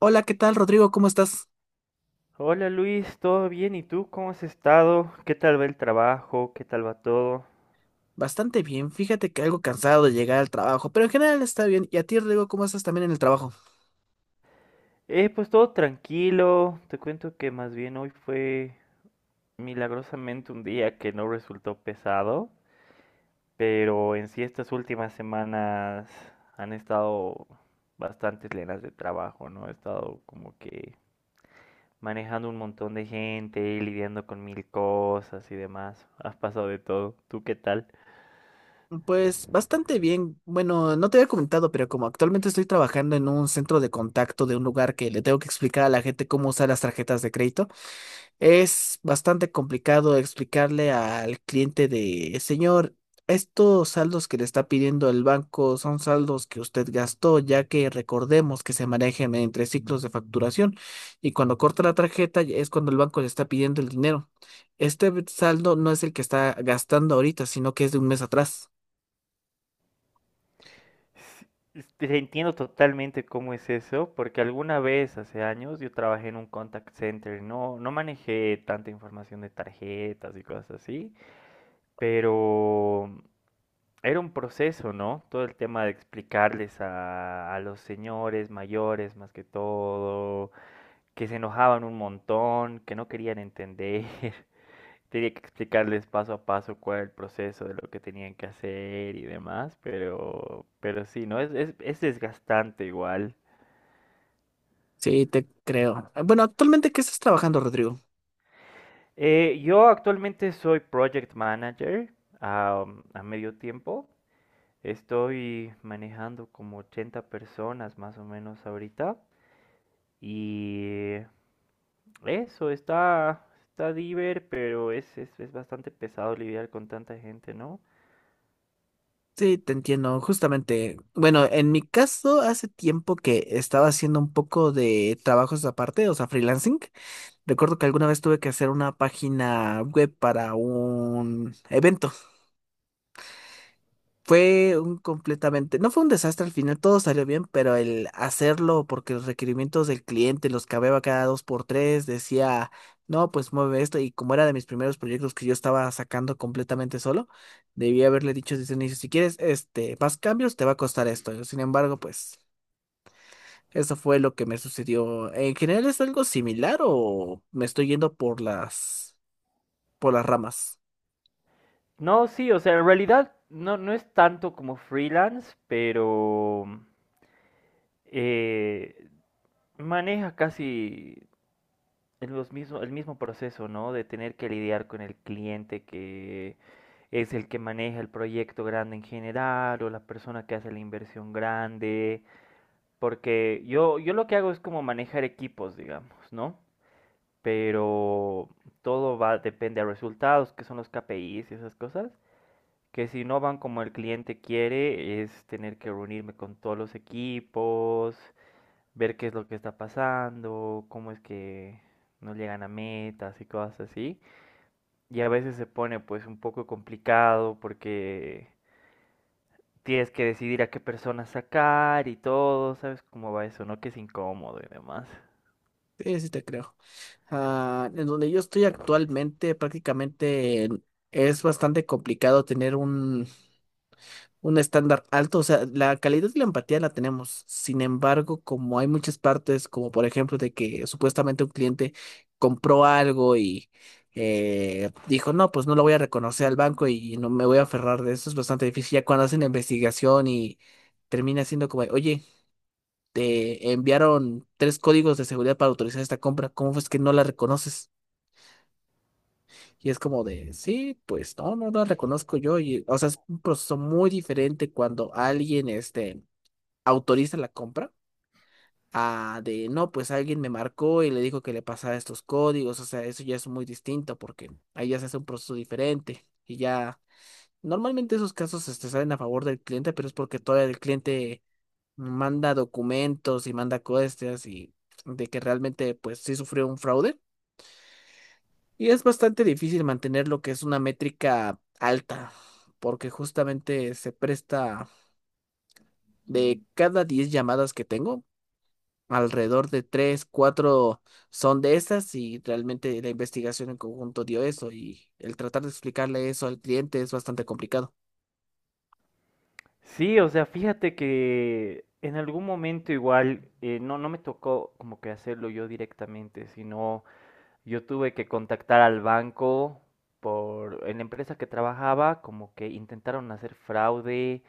Hola, ¿qué tal, Rodrigo? ¿Cómo estás? Hola Luis, ¿todo bien? ¿Y tú cómo has estado? ¿Qué tal va el trabajo? ¿Qué tal va todo? Bastante bien. Fíjate que algo cansado de llegar al trabajo, pero en general está bien. ¿Y a ti, Rodrigo, cómo estás también en el trabajo? Pues todo tranquilo. Te cuento que más bien hoy fue milagrosamente un día que no resultó pesado, pero en sí estas últimas semanas han estado bastante llenas de trabajo, ¿no? He estado como que manejando un montón de gente, lidiando con mil cosas y demás. Has pasado de todo. ¿Tú qué tal? Pues bastante bien. Bueno, no te había comentado, pero como actualmente estoy trabajando en un centro de contacto de un lugar que le tengo que explicar a la gente cómo usar las tarjetas de crédito. Es bastante complicado explicarle al cliente de, señor, estos saldos que le está pidiendo el banco son saldos que usted gastó, ya que recordemos que se manejan entre ciclos de facturación y cuando corta la tarjeta ya es cuando el banco le está pidiendo el dinero. Este saldo no es el que está gastando ahorita, sino que es de un mes atrás. Sí, entiendo totalmente cómo es eso, porque alguna vez hace años yo trabajé en un contact center, no, no manejé tanta información de tarjetas y cosas así, pero era un proceso, ¿no? Todo el tema de explicarles a los señores mayores más que todo, que se enojaban un montón, que no querían entender. Tenía que explicarles paso a paso cuál era el proceso de lo que tenían que hacer y demás, pero sí, ¿no? Es desgastante igual. Sí, te creo. Bueno, ¿actualmente qué estás trabajando, Rodrigo? Yo actualmente soy Project Manager a, a medio tiempo. Estoy manejando como 80 personas más o menos ahorita. Y eso está, está diver, pero es bastante pesado lidiar con tanta gente, ¿no? Sí, te entiendo, justamente. Bueno, en mi caso, hace tiempo que estaba haciendo un poco de trabajos aparte, o sea, freelancing. Recuerdo que alguna vez tuve que hacer una página web para un evento. Fue un Completamente, no fue un desastre al final, todo salió bien, pero el hacerlo porque los requerimientos del cliente los cambiaba cada dos por tres, decía, no, pues mueve esto, y como era de mis primeros proyectos que yo estaba sacando completamente solo, debía haberle dicho desde el inicio, si quieres este, más cambios, te va a costar esto. Sin embargo, pues eso fue lo que me sucedió. ¿En general es algo similar o me estoy yendo por las ramas? No, sí, o sea, en realidad no, no es tanto como freelance, pero eh, maneja casi el, los mismo, el mismo proceso, ¿no? De tener que lidiar con el cliente que es el que maneja el proyecto grande en general o la persona que hace la inversión grande, porque yo lo que hago es como manejar equipos, digamos, ¿no? Pero todo va, depende a resultados, que son los KPIs y esas cosas, que si no van como el cliente quiere, es tener que reunirme con todos los equipos, ver qué es lo que está pasando, cómo es que no llegan a metas y cosas así. Y a veces se pone pues un poco complicado porque tienes que decidir a qué personas sacar y todo, ¿sabes cómo va eso, no? Que es incómodo y demás. Sí, sí te creo. Ah, en donde yo estoy actualmente, prácticamente es bastante complicado tener un estándar alto. O sea, la calidad y la empatía la tenemos. Sin embargo, como hay muchas partes, como por ejemplo de que supuestamente un cliente compró algo y dijo, no, pues no lo voy a reconocer al banco y no me voy a aferrar de eso, es bastante difícil. Ya cuando hacen la investigación y termina siendo como, oye, te enviaron tres códigos de seguridad para autorizar esta compra, ¿cómo es que no la reconoces? Y es como de, sí, pues no, no la reconozco yo. Y, o sea, es un proceso muy diferente cuando alguien, este, autoriza la compra a de, no, pues alguien me marcó y le dijo que le pasara estos códigos. O sea, eso ya es muy distinto porque ahí ya se hace un proceso diferente y ya. Normalmente esos casos este, salen a favor del cliente, pero es porque todavía el cliente manda documentos y manda cosas y de que realmente pues sí sufrió un fraude. Y es bastante difícil mantener lo que es una métrica alta, porque justamente se presta de cada 10 llamadas que tengo, alrededor de 3 4 son de esas, y realmente la investigación en conjunto dio eso y el tratar de explicarle eso al cliente es bastante complicado. Sí, o sea, fíjate que en algún momento igual no, no me tocó como que hacerlo yo directamente, sino yo tuve que contactar al banco por en la empresa que trabajaba, como que intentaron hacer fraude,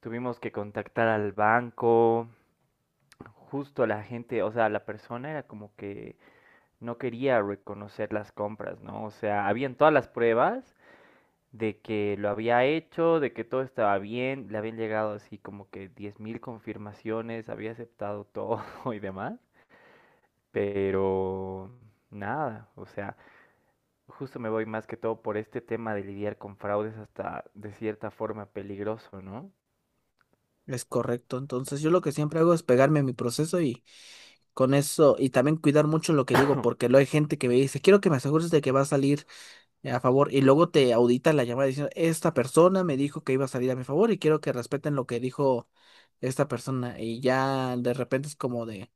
tuvimos que contactar al banco, justo la gente, o sea, la persona era como que no quería reconocer las compras, ¿no? O sea, habían todas las pruebas de que lo había hecho, de que todo estaba bien, le habían llegado así como que 10.000 confirmaciones, había aceptado todo y demás, pero nada, o sea, justo me voy más que todo por este tema de lidiar con fraudes hasta de cierta forma peligroso, ¿no? Es correcto. Entonces yo lo que siempre hago es pegarme a mi proceso y con eso, y también cuidar mucho lo que digo, porque luego hay gente que me dice, quiero que me asegures de que va a salir a favor, y luego te audita la llamada diciendo, esta persona me dijo que iba a salir a mi favor y quiero que respeten lo que dijo esta persona. Y ya de repente es como de,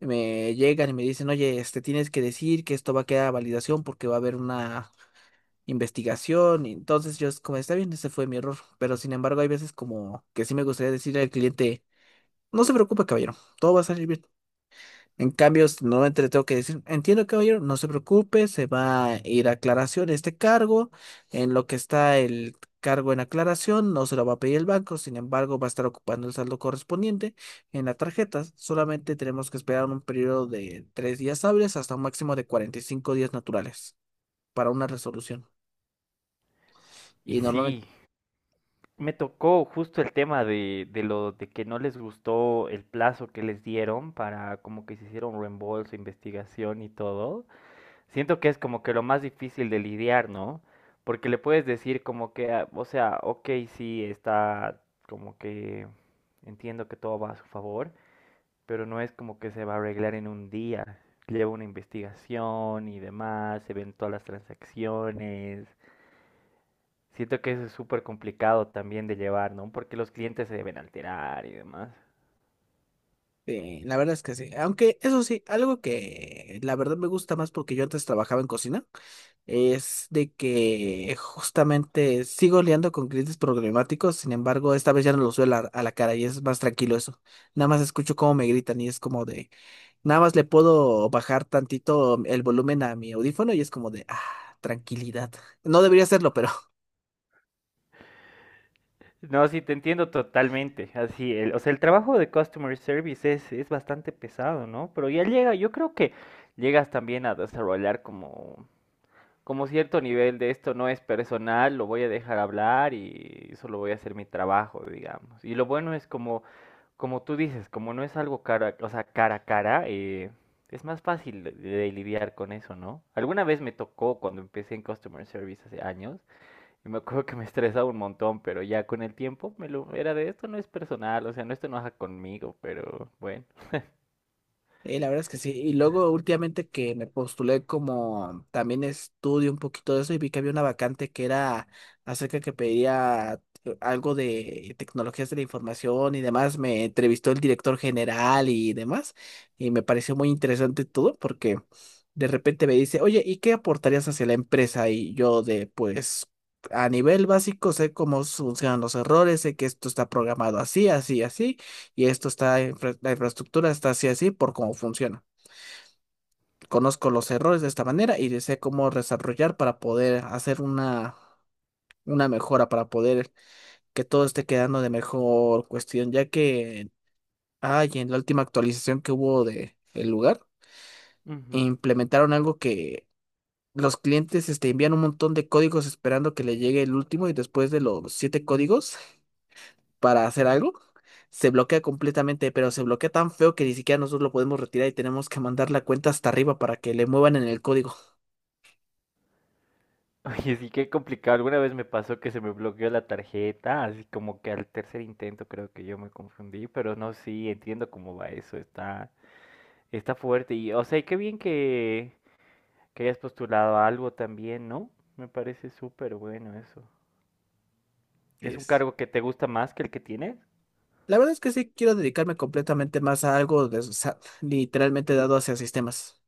me llegan y me dicen, oye, este, tienes que decir que esto va a quedar a validación porque va a haber una investigación. Y entonces yo es como, está bien, ese fue mi error, pero sin embargo hay veces como que sí me gustaría decirle al cliente, no se preocupe, caballero, todo va a salir bien. En cambio, nuevamente le tengo que decir, entiendo, caballero, no se preocupe, se va a ir a aclaración este cargo, en lo que está el cargo en aclaración, no se lo va a pedir el banco, sin embargo, va a estar ocupando el saldo correspondiente en la tarjeta. Solamente tenemos que esperar un periodo de 3 días hábiles hasta un máximo de 45 días naturales para una resolución. Y Y normalmente, sí, me tocó justo el tema de lo de que no les gustó el plazo que les dieron para como que se hiciera un reembolso, investigación y todo. Siento que es como que lo más difícil de lidiar, ¿no? Porque le puedes decir como que, ah, o sea, ok, sí, está como que entiendo que todo va a su favor, pero no es como que se va a arreglar en un día. Lleva una investigación y demás, se ven todas las transacciones. Siento que eso es súper complicado también de llevar, ¿no? Porque los clientes se deben alterar y demás. La verdad es que sí. Aunque eso sí, algo que la verdad me gusta más, porque yo antes trabajaba en cocina. Es de que justamente sigo liando con clientes problemáticos, sin embargo, esta vez ya no los veo a la cara, y es más tranquilo eso. Nada más escucho cómo me gritan y es como de, nada más le puedo bajar tantito el volumen a mi audífono y es como de, ah, tranquilidad. No debería hacerlo, pero... No, sí, te entiendo totalmente. Así, el, o sea, el trabajo de customer service es bastante pesado, ¿no? Pero ya llega, yo creo que llegas también a desarrollar como cierto nivel de esto no es personal, lo voy a dejar hablar y solo voy a hacer mi trabajo, digamos. Y lo bueno es como, como tú dices, como no es algo cara, o sea, cara a cara, es más fácil de lidiar con eso, ¿no? Alguna vez me tocó cuando empecé en Customer Service hace años y me acuerdo que me estresaba un montón, pero ya con el tiempo me lo era de esto no es personal, o sea, no esto no es conmigo, pero bueno. La verdad es que sí. Y luego últimamente que me postulé, como también estudio un poquito de eso y vi que había una vacante que era acerca, que pedía algo de tecnologías de la información y demás. Me entrevistó el director general y demás y me pareció muy interesante todo, porque de repente me dice, oye, ¿y qué aportarías hacia la empresa? Y yo de, pues a nivel básico sé cómo funcionan los errores, sé que esto está programado así, así, así, y esto está, la infraestructura está así así por cómo funciona. Conozco los errores de esta manera y sé cómo desarrollar para poder hacer una mejora, para poder que todo esté quedando de mejor cuestión, ya que, ay, en la última actualización que hubo de el lugar, Ujú. implementaron algo que los clientes este, envían un montón de códigos esperando que le llegue el último, y después de los siete códigos para hacer algo, se bloquea completamente, pero se bloquea tan feo que ni siquiera nosotros lo podemos retirar y tenemos que mandar la cuenta hasta arriba para que le muevan en el código. Oye, sí, qué complicado. Alguna vez me pasó que se me bloqueó la tarjeta, así como que al tercer intento creo que yo me confundí, pero no, sí, entiendo cómo va eso, está, está fuerte. Y, o sea, y qué bien que hayas postulado a algo también, ¿no? Me parece súper bueno eso. Sí ¿Es un es. cargo que te gusta más que el que tienes? La verdad es que sí quiero dedicarme completamente más a algo de- o sea, literalmente dado hacia sistemas.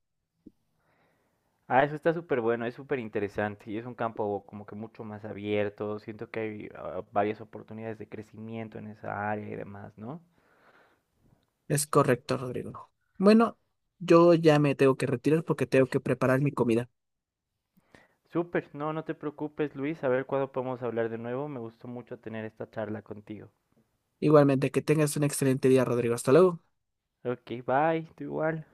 Ah, eso está súper bueno, es súper interesante y es un campo como que mucho más abierto. Siento que hay varias oportunidades de crecimiento en esa área y demás, ¿no? Es correcto, Rodrigo. Bueno, yo ya me tengo que retirar porque tengo que preparar mi comida. Súper, no, no te preocupes, Luis. A ver cuándo podemos hablar de nuevo. Me gustó mucho tener esta charla contigo. Igualmente, que tengas un excelente día, Rodrigo. Hasta luego. Ok, bye, tú igual.